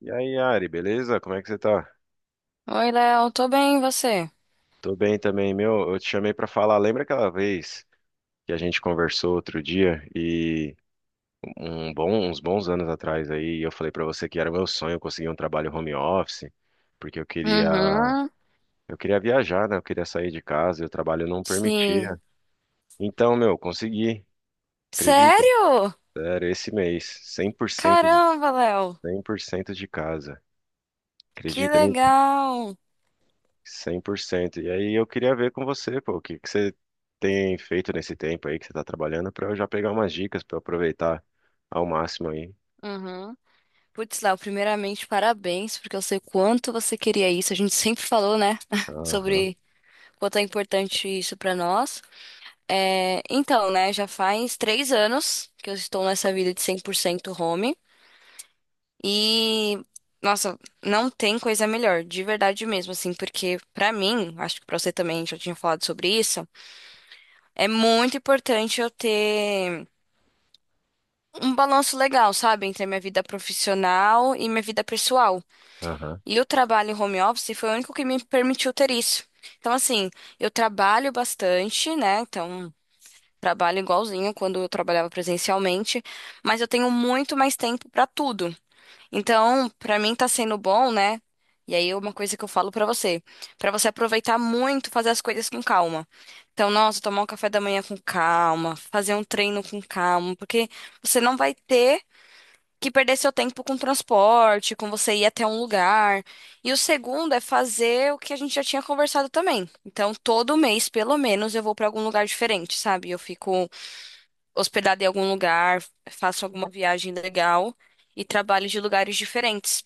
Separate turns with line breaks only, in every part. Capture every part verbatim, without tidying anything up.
E aí, Ari, beleza? Como é que você tá?
Oi, Léo, tô bem, e você?
Tô bem também, meu. Eu te chamei pra falar. Lembra aquela vez que a gente conversou outro dia e um bom- uns bons anos atrás aí, eu falei pra você que era meu sonho conseguir um trabalho home office, porque eu queria
Uhum,
eu queria viajar, né? Eu queria sair de casa e o trabalho não
sim.
permitia. Então, meu, consegui. Acredita?
Sério?
Era esse mês. Cem por cento de
Caramba, Léo,
cem por cento de casa.
que
Acredita?
legal.
Cem por cento E aí eu queria ver com você, pô, o que que você tem feito nesse tempo aí que você tá trabalhando pra eu já pegar umas dicas pra eu aproveitar ao máximo aí.
Uhum. Putz, Léo, primeiramente, parabéns, porque eu sei quanto você queria isso. A gente sempre falou, né,
Aham,
sobre quanto é importante isso pra nós. É, então, né, já faz três anos que eu estou nessa vida de cem por cento home e, nossa, não tem coisa melhor, de verdade mesmo, assim, porque pra mim, acho que pra você também já tinha falado sobre isso. É muito importante eu ter um balanço legal, sabe, entre a minha vida profissional e minha vida pessoal.
aham,
E o trabalho em home office foi o único que me permitiu ter isso. Então, assim, eu trabalho bastante, né? Então, trabalho igualzinho quando eu trabalhava presencialmente, mas eu tenho muito mais tempo para tudo. Então, pra mim tá sendo bom, né? E aí, uma coisa que eu falo pra você, pra você aproveitar muito, fazer as coisas com calma. Então, nossa, tomar um café da manhã com calma, fazer um treino com calma, porque você não vai ter que perder seu tempo com transporte, com você ir até um lugar. E o segundo é fazer o que a gente já tinha conversado também. Então, todo mês, pelo menos, eu vou pra algum lugar diferente, sabe? Eu fico hospedada em algum lugar, faço alguma viagem legal e trabalho de lugares diferentes.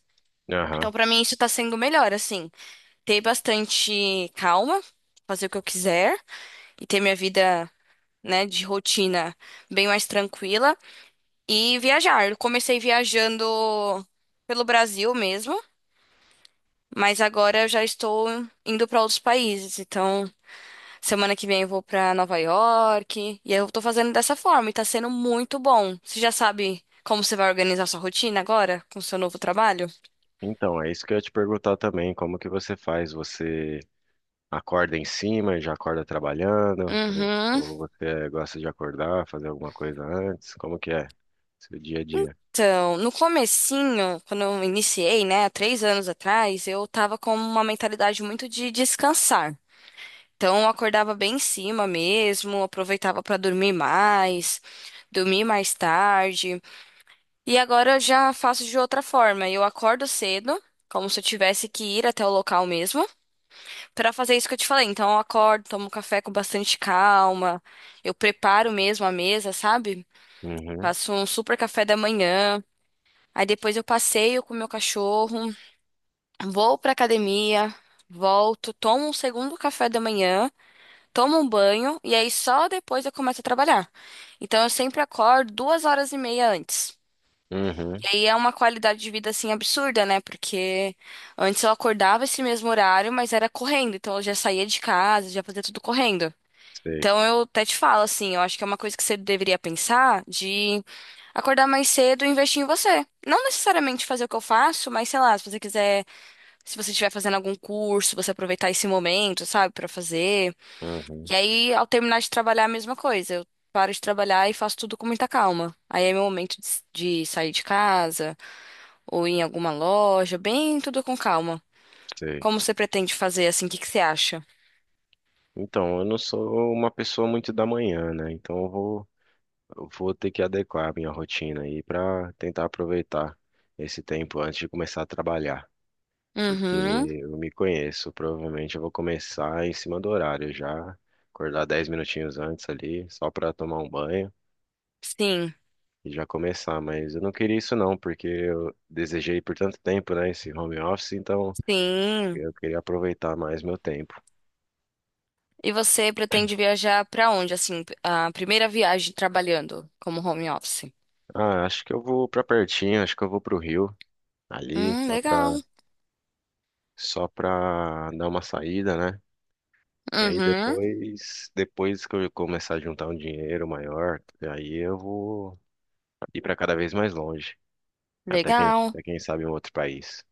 Então,
aham.
pra mim, isso tá sendo melhor, assim. Ter bastante calma, fazer o que eu quiser e ter minha vida, né, de rotina bem mais tranquila e viajar. Eu comecei viajando pelo Brasil mesmo, mas agora eu já estou indo pra outros países. Então, semana que vem eu vou pra Nova York e eu tô fazendo dessa forma e tá sendo muito bom. Você já sabe como você vai organizar sua rotina agora com o seu novo trabalho?
Então, é isso que eu ia te perguntar também, como que você faz? Você acorda em cima, e já acorda trabalhando? Ou,
Uhum.
ou você gosta de acordar, fazer alguma coisa antes? Como que é seu dia a dia?
Então, no comecinho, quando eu iniciei, né, há três anos atrás, eu tava com uma mentalidade muito de descansar. Então, eu acordava bem em cima mesmo, aproveitava para dormir mais, dormir mais tarde. E agora eu já faço de outra forma. Eu acordo cedo, como se eu tivesse que ir até o local mesmo, para fazer isso que eu te falei. Então, eu acordo, tomo café com bastante calma, eu preparo mesmo a mesa, sabe?
Uhum,
Faço um super café da manhã. Aí depois eu passeio com o meu cachorro, vou pra academia, volto, tomo um segundo café da manhã, tomo um banho e aí só depois eu começo a trabalhar. Então eu sempre acordo duas horas e meia antes. E
uhum,
aí é uma qualidade de vida assim absurda, né? Porque antes eu acordava esse mesmo horário, mas era correndo, então eu já saía de casa, já fazia tudo correndo.
sei,
Então eu até te falo assim, eu acho que é uma coisa que você deveria pensar de acordar mais cedo e investir em você. Não necessariamente fazer o que eu faço, mas sei lá, se você quiser, se você estiver fazendo algum curso, você aproveitar esse momento, sabe, pra fazer.
uhum,
E aí, ao terminar de trabalhar, a mesma coisa. Eu paro de trabalhar e faço tudo com muita calma. Aí é meu momento de, de sair de casa ou ir em alguma loja, bem tudo com calma.
sei.
Como você pretende fazer assim? O que que você acha?
Então, eu não sou uma pessoa muito da manhã, né? Então eu vou Eu vou ter que adequar a minha rotina aí para tentar aproveitar esse tempo antes de começar a trabalhar, porque
Uhum.
eu me conheço, provavelmente eu vou começar em cima do horário já, acordar dez minutinhos antes ali, só para tomar um banho
Sim.
e já começar, mas eu não queria isso não, porque eu desejei por tanto tempo, né, esse home office, então
Sim.
eu queria aproveitar mais meu tempo.
E você pretende viajar pra onde, assim, a primeira viagem trabalhando como home office?
Ah, acho que eu vou para pertinho, acho que eu vou pro Rio ali,
Hum,
só para
legal.
só para dar uma saída, né? E aí
Uhum,
depois, depois que eu começar a juntar um dinheiro maior, aí eu vou ir para cada vez mais longe, até quem,
legal.
até quem sabe um outro país.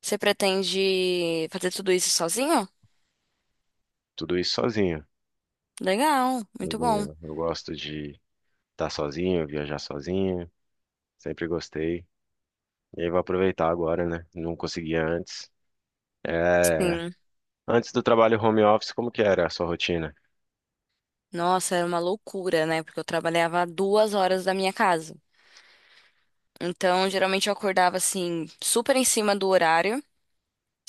Você pretende fazer tudo isso sozinho?
Tudo isso sozinho,
Legal, muito bom.
sozinho. Eu gosto de estar sozinho, viajar sozinho, sempre gostei. E aí vou aproveitar agora, né? Não conseguia antes. É,
Sim.
antes do trabalho home office, como que era a sua rotina?
Nossa, era uma loucura, né? Porque eu trabalhava a duas horas da minha casa. Então, geralmente eu acordava, assim, super em cima do horário,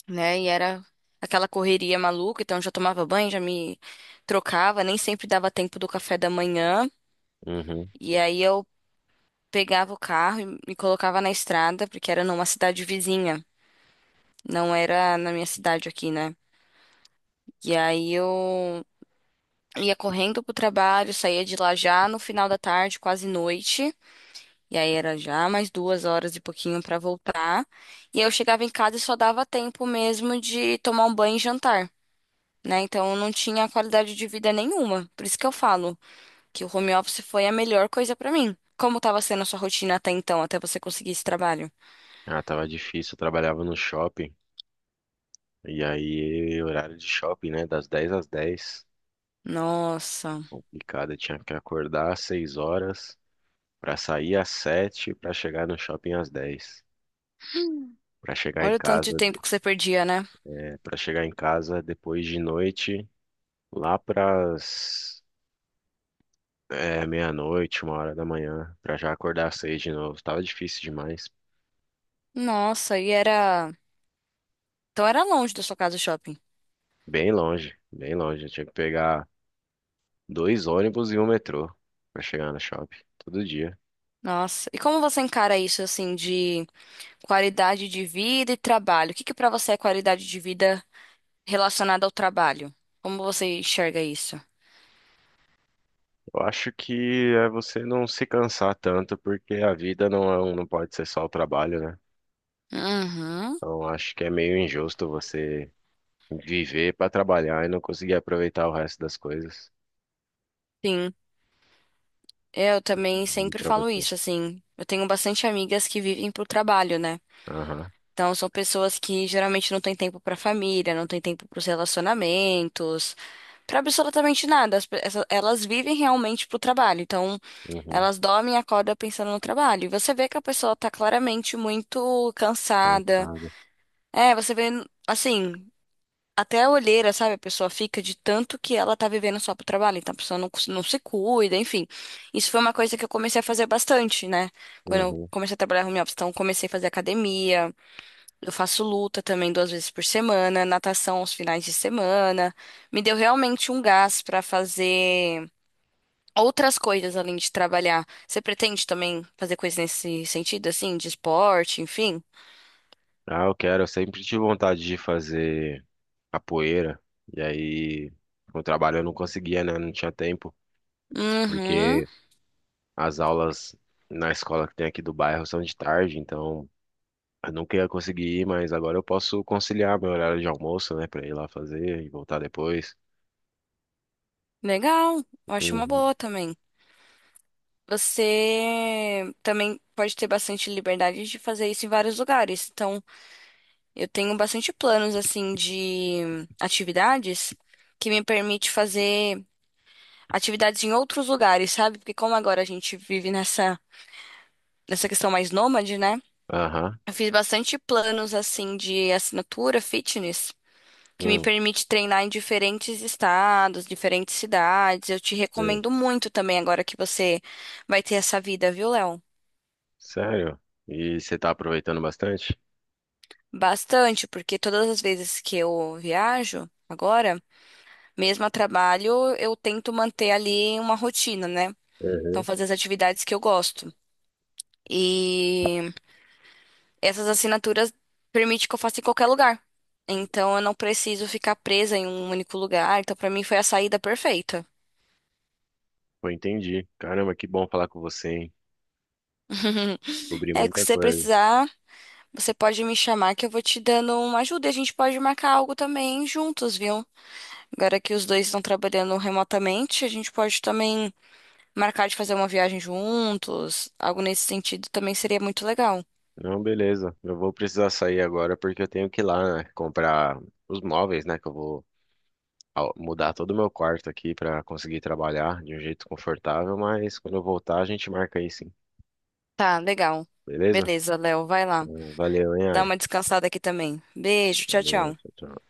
né? E era aquela correria maluca. Então, eu já tomava banho, já me trocava, nem sempre dava tempo do café da manhã.
Uhum.
E aí eu pegava o carro e me colocava na estrada, porque era numa cidade vizinha, não era na minha cidade aqui, né? E aí eu ia correndo pro trabalho, saía de lá já no final da tarde, quase noite. E aí era já mais duas horas e pouquinho pra voltar. E aí eu chegava em casa e só dava tempo mesmo de tomar um banho e jantar, né? Então eu não tinha qualidade de vida nenhuma. Por isso que eu falo que o home office foi a melhor coisa pra mim. Como tava sendo a sua rotina até então, até você conseguir esse trabalho?
Ah, tava difícil, eu trabalhava no shopping. E aí, horário de shopping, né? Das dez às dez.
Nossa.
Complicado, eu tinha que acordar às seis horas pra sair às sete pra chegar no shopping às dez. Pra chegar em
Olha o tanto de
casa,
tempo que você perdia, né?
é, para chegar em casa depois de noite, lá pras é, meia-noite, uma hora da manhã, pra já acordar às seis de novo. Tava difícil demais.
Nossa, e era. Então era longe da sua casa o shopping.
Bem longe, bem longe. Eu tinha que pegar dois ônibus e um metrô pra chegar no shopping todo dia.
Nossa, e como você encara isso, assim, de qualidade de vida e trabalho? O que que pra você é qualidade de vida relacionada ao trabalho? Como você enxerga isso?
Eu acho que é você não se cansar tanto, porque a vida não, é um- não pode ser só o trabalho, né?
Uhum,
Então, acho que é meio injusto você viver para trabalhar e não conseguir aproveitar o resto das coisas.
sim. Eu também
E
sempre
para
falo
você.
isso, assim. Eu tenho bastante amigas que vivem pro trabalho, né?
Aham.
Então, são pessoas que geralmente não têm tempo para a família, não têm tempo para os relacionamentos, para absolutamente nada. As pe- essa- Elas vivem realmente pro trabalho. Então,
Uhum.
elas dormem e acordam pensando no trabalho. E você vê que a pessoa tá claramente muito cansada.
Cansado.
É, você vê, assim, até a olheira, sabe? A pessoa fica de tanto que ela tá vivendo só pro trabalho. Então, a pessoa não, cons- não se cuida, enfim. Isso foi uma coisa que eu comecei a fazer bastante, né? Quando eu
Uhum.
comecei a trabalhar home office. Então, eu comecei a fazer academia. Eu faço luta também duas vezes por semana, natação aos finais de semana. Me deu realmente um gás para fazer outras coisas além de trabalhar. Você pretende também fazer coisas nesse sentido, assim, de esporte, enfim?
Ah, eu quero. Eu sempre tive vontade de fazer capoeira. E aí, com o trabalho eu não conseguia, né? Não tinha tempo.
Uhum,
Porque as aulas na escola que tem aqui do bairro são de tarde. Então, eu nunca ia conseguir ir, mas agora eu posso conciliar meu horário de almoço, né? Pra ir lá fazer e voltar depois.
legal. Eu acho uma
Uhum.
boa também. Você também pode ter bastante liberdade de fazer isso em vários lugares. Então, eu tenho bastante planos, assim, de atividades que me permite fazer. Atividades em outros lugares, sabe? Porque como agora a gente vive nessa, nessa questão mais nômade, né?
Aham.
Eu fiz bastante planos assim de assinatura fitness que me
Uhum.
permite treinar em diferentes estados, diferentes cidades. Eu te
Sei.
recomendo muito também agora que você vai ter essa vida, viu, Léo?
Sério? E você tá aproveitando bastante?
Bastante, porque todas as vezes que eu viajo agora, mesmo a trabalho, eu tento manter ali uma rotina, né? Então,
Uhum.
fazer as atividades que eu gosto. E essas assinaturas permitem que eu faça em qualquer lugar. Então eu não preciso ficar presa em um único lugar. Então pra mim foi a saída perfeita.
Pô, entendi. Caramba, que bom falar com você, hein? Cobri
É, que
muita
se você
coisa.
precisar, você pode me chamar que eu vou te dando uma ajuda e a gente pode marcar algo também juntos, viu? Agora que os dois estão trabalhando remotamente, a gente pode também marcar de fazer uma viagem juntos. Algo nesse sentido também seria muito legal.
Não, beleza. Eu vou precisar sair agora porque eu tenho que ir lá, né, comprar os móveis, né? Que eu vou al- mudar todo o meu quarto aqui pra conseguir trabalhar de um jeito confortável, mas quando eu voltar a gente marca aí sim.
Tá, legal.
Beleza?
Beleza, Léo, vai lá.
Hum, Valeu, hein,
Dá
Ari?
uma descansada aqui também. Beijo, tchau,
Valeu, tchau,
tchau.
tchau.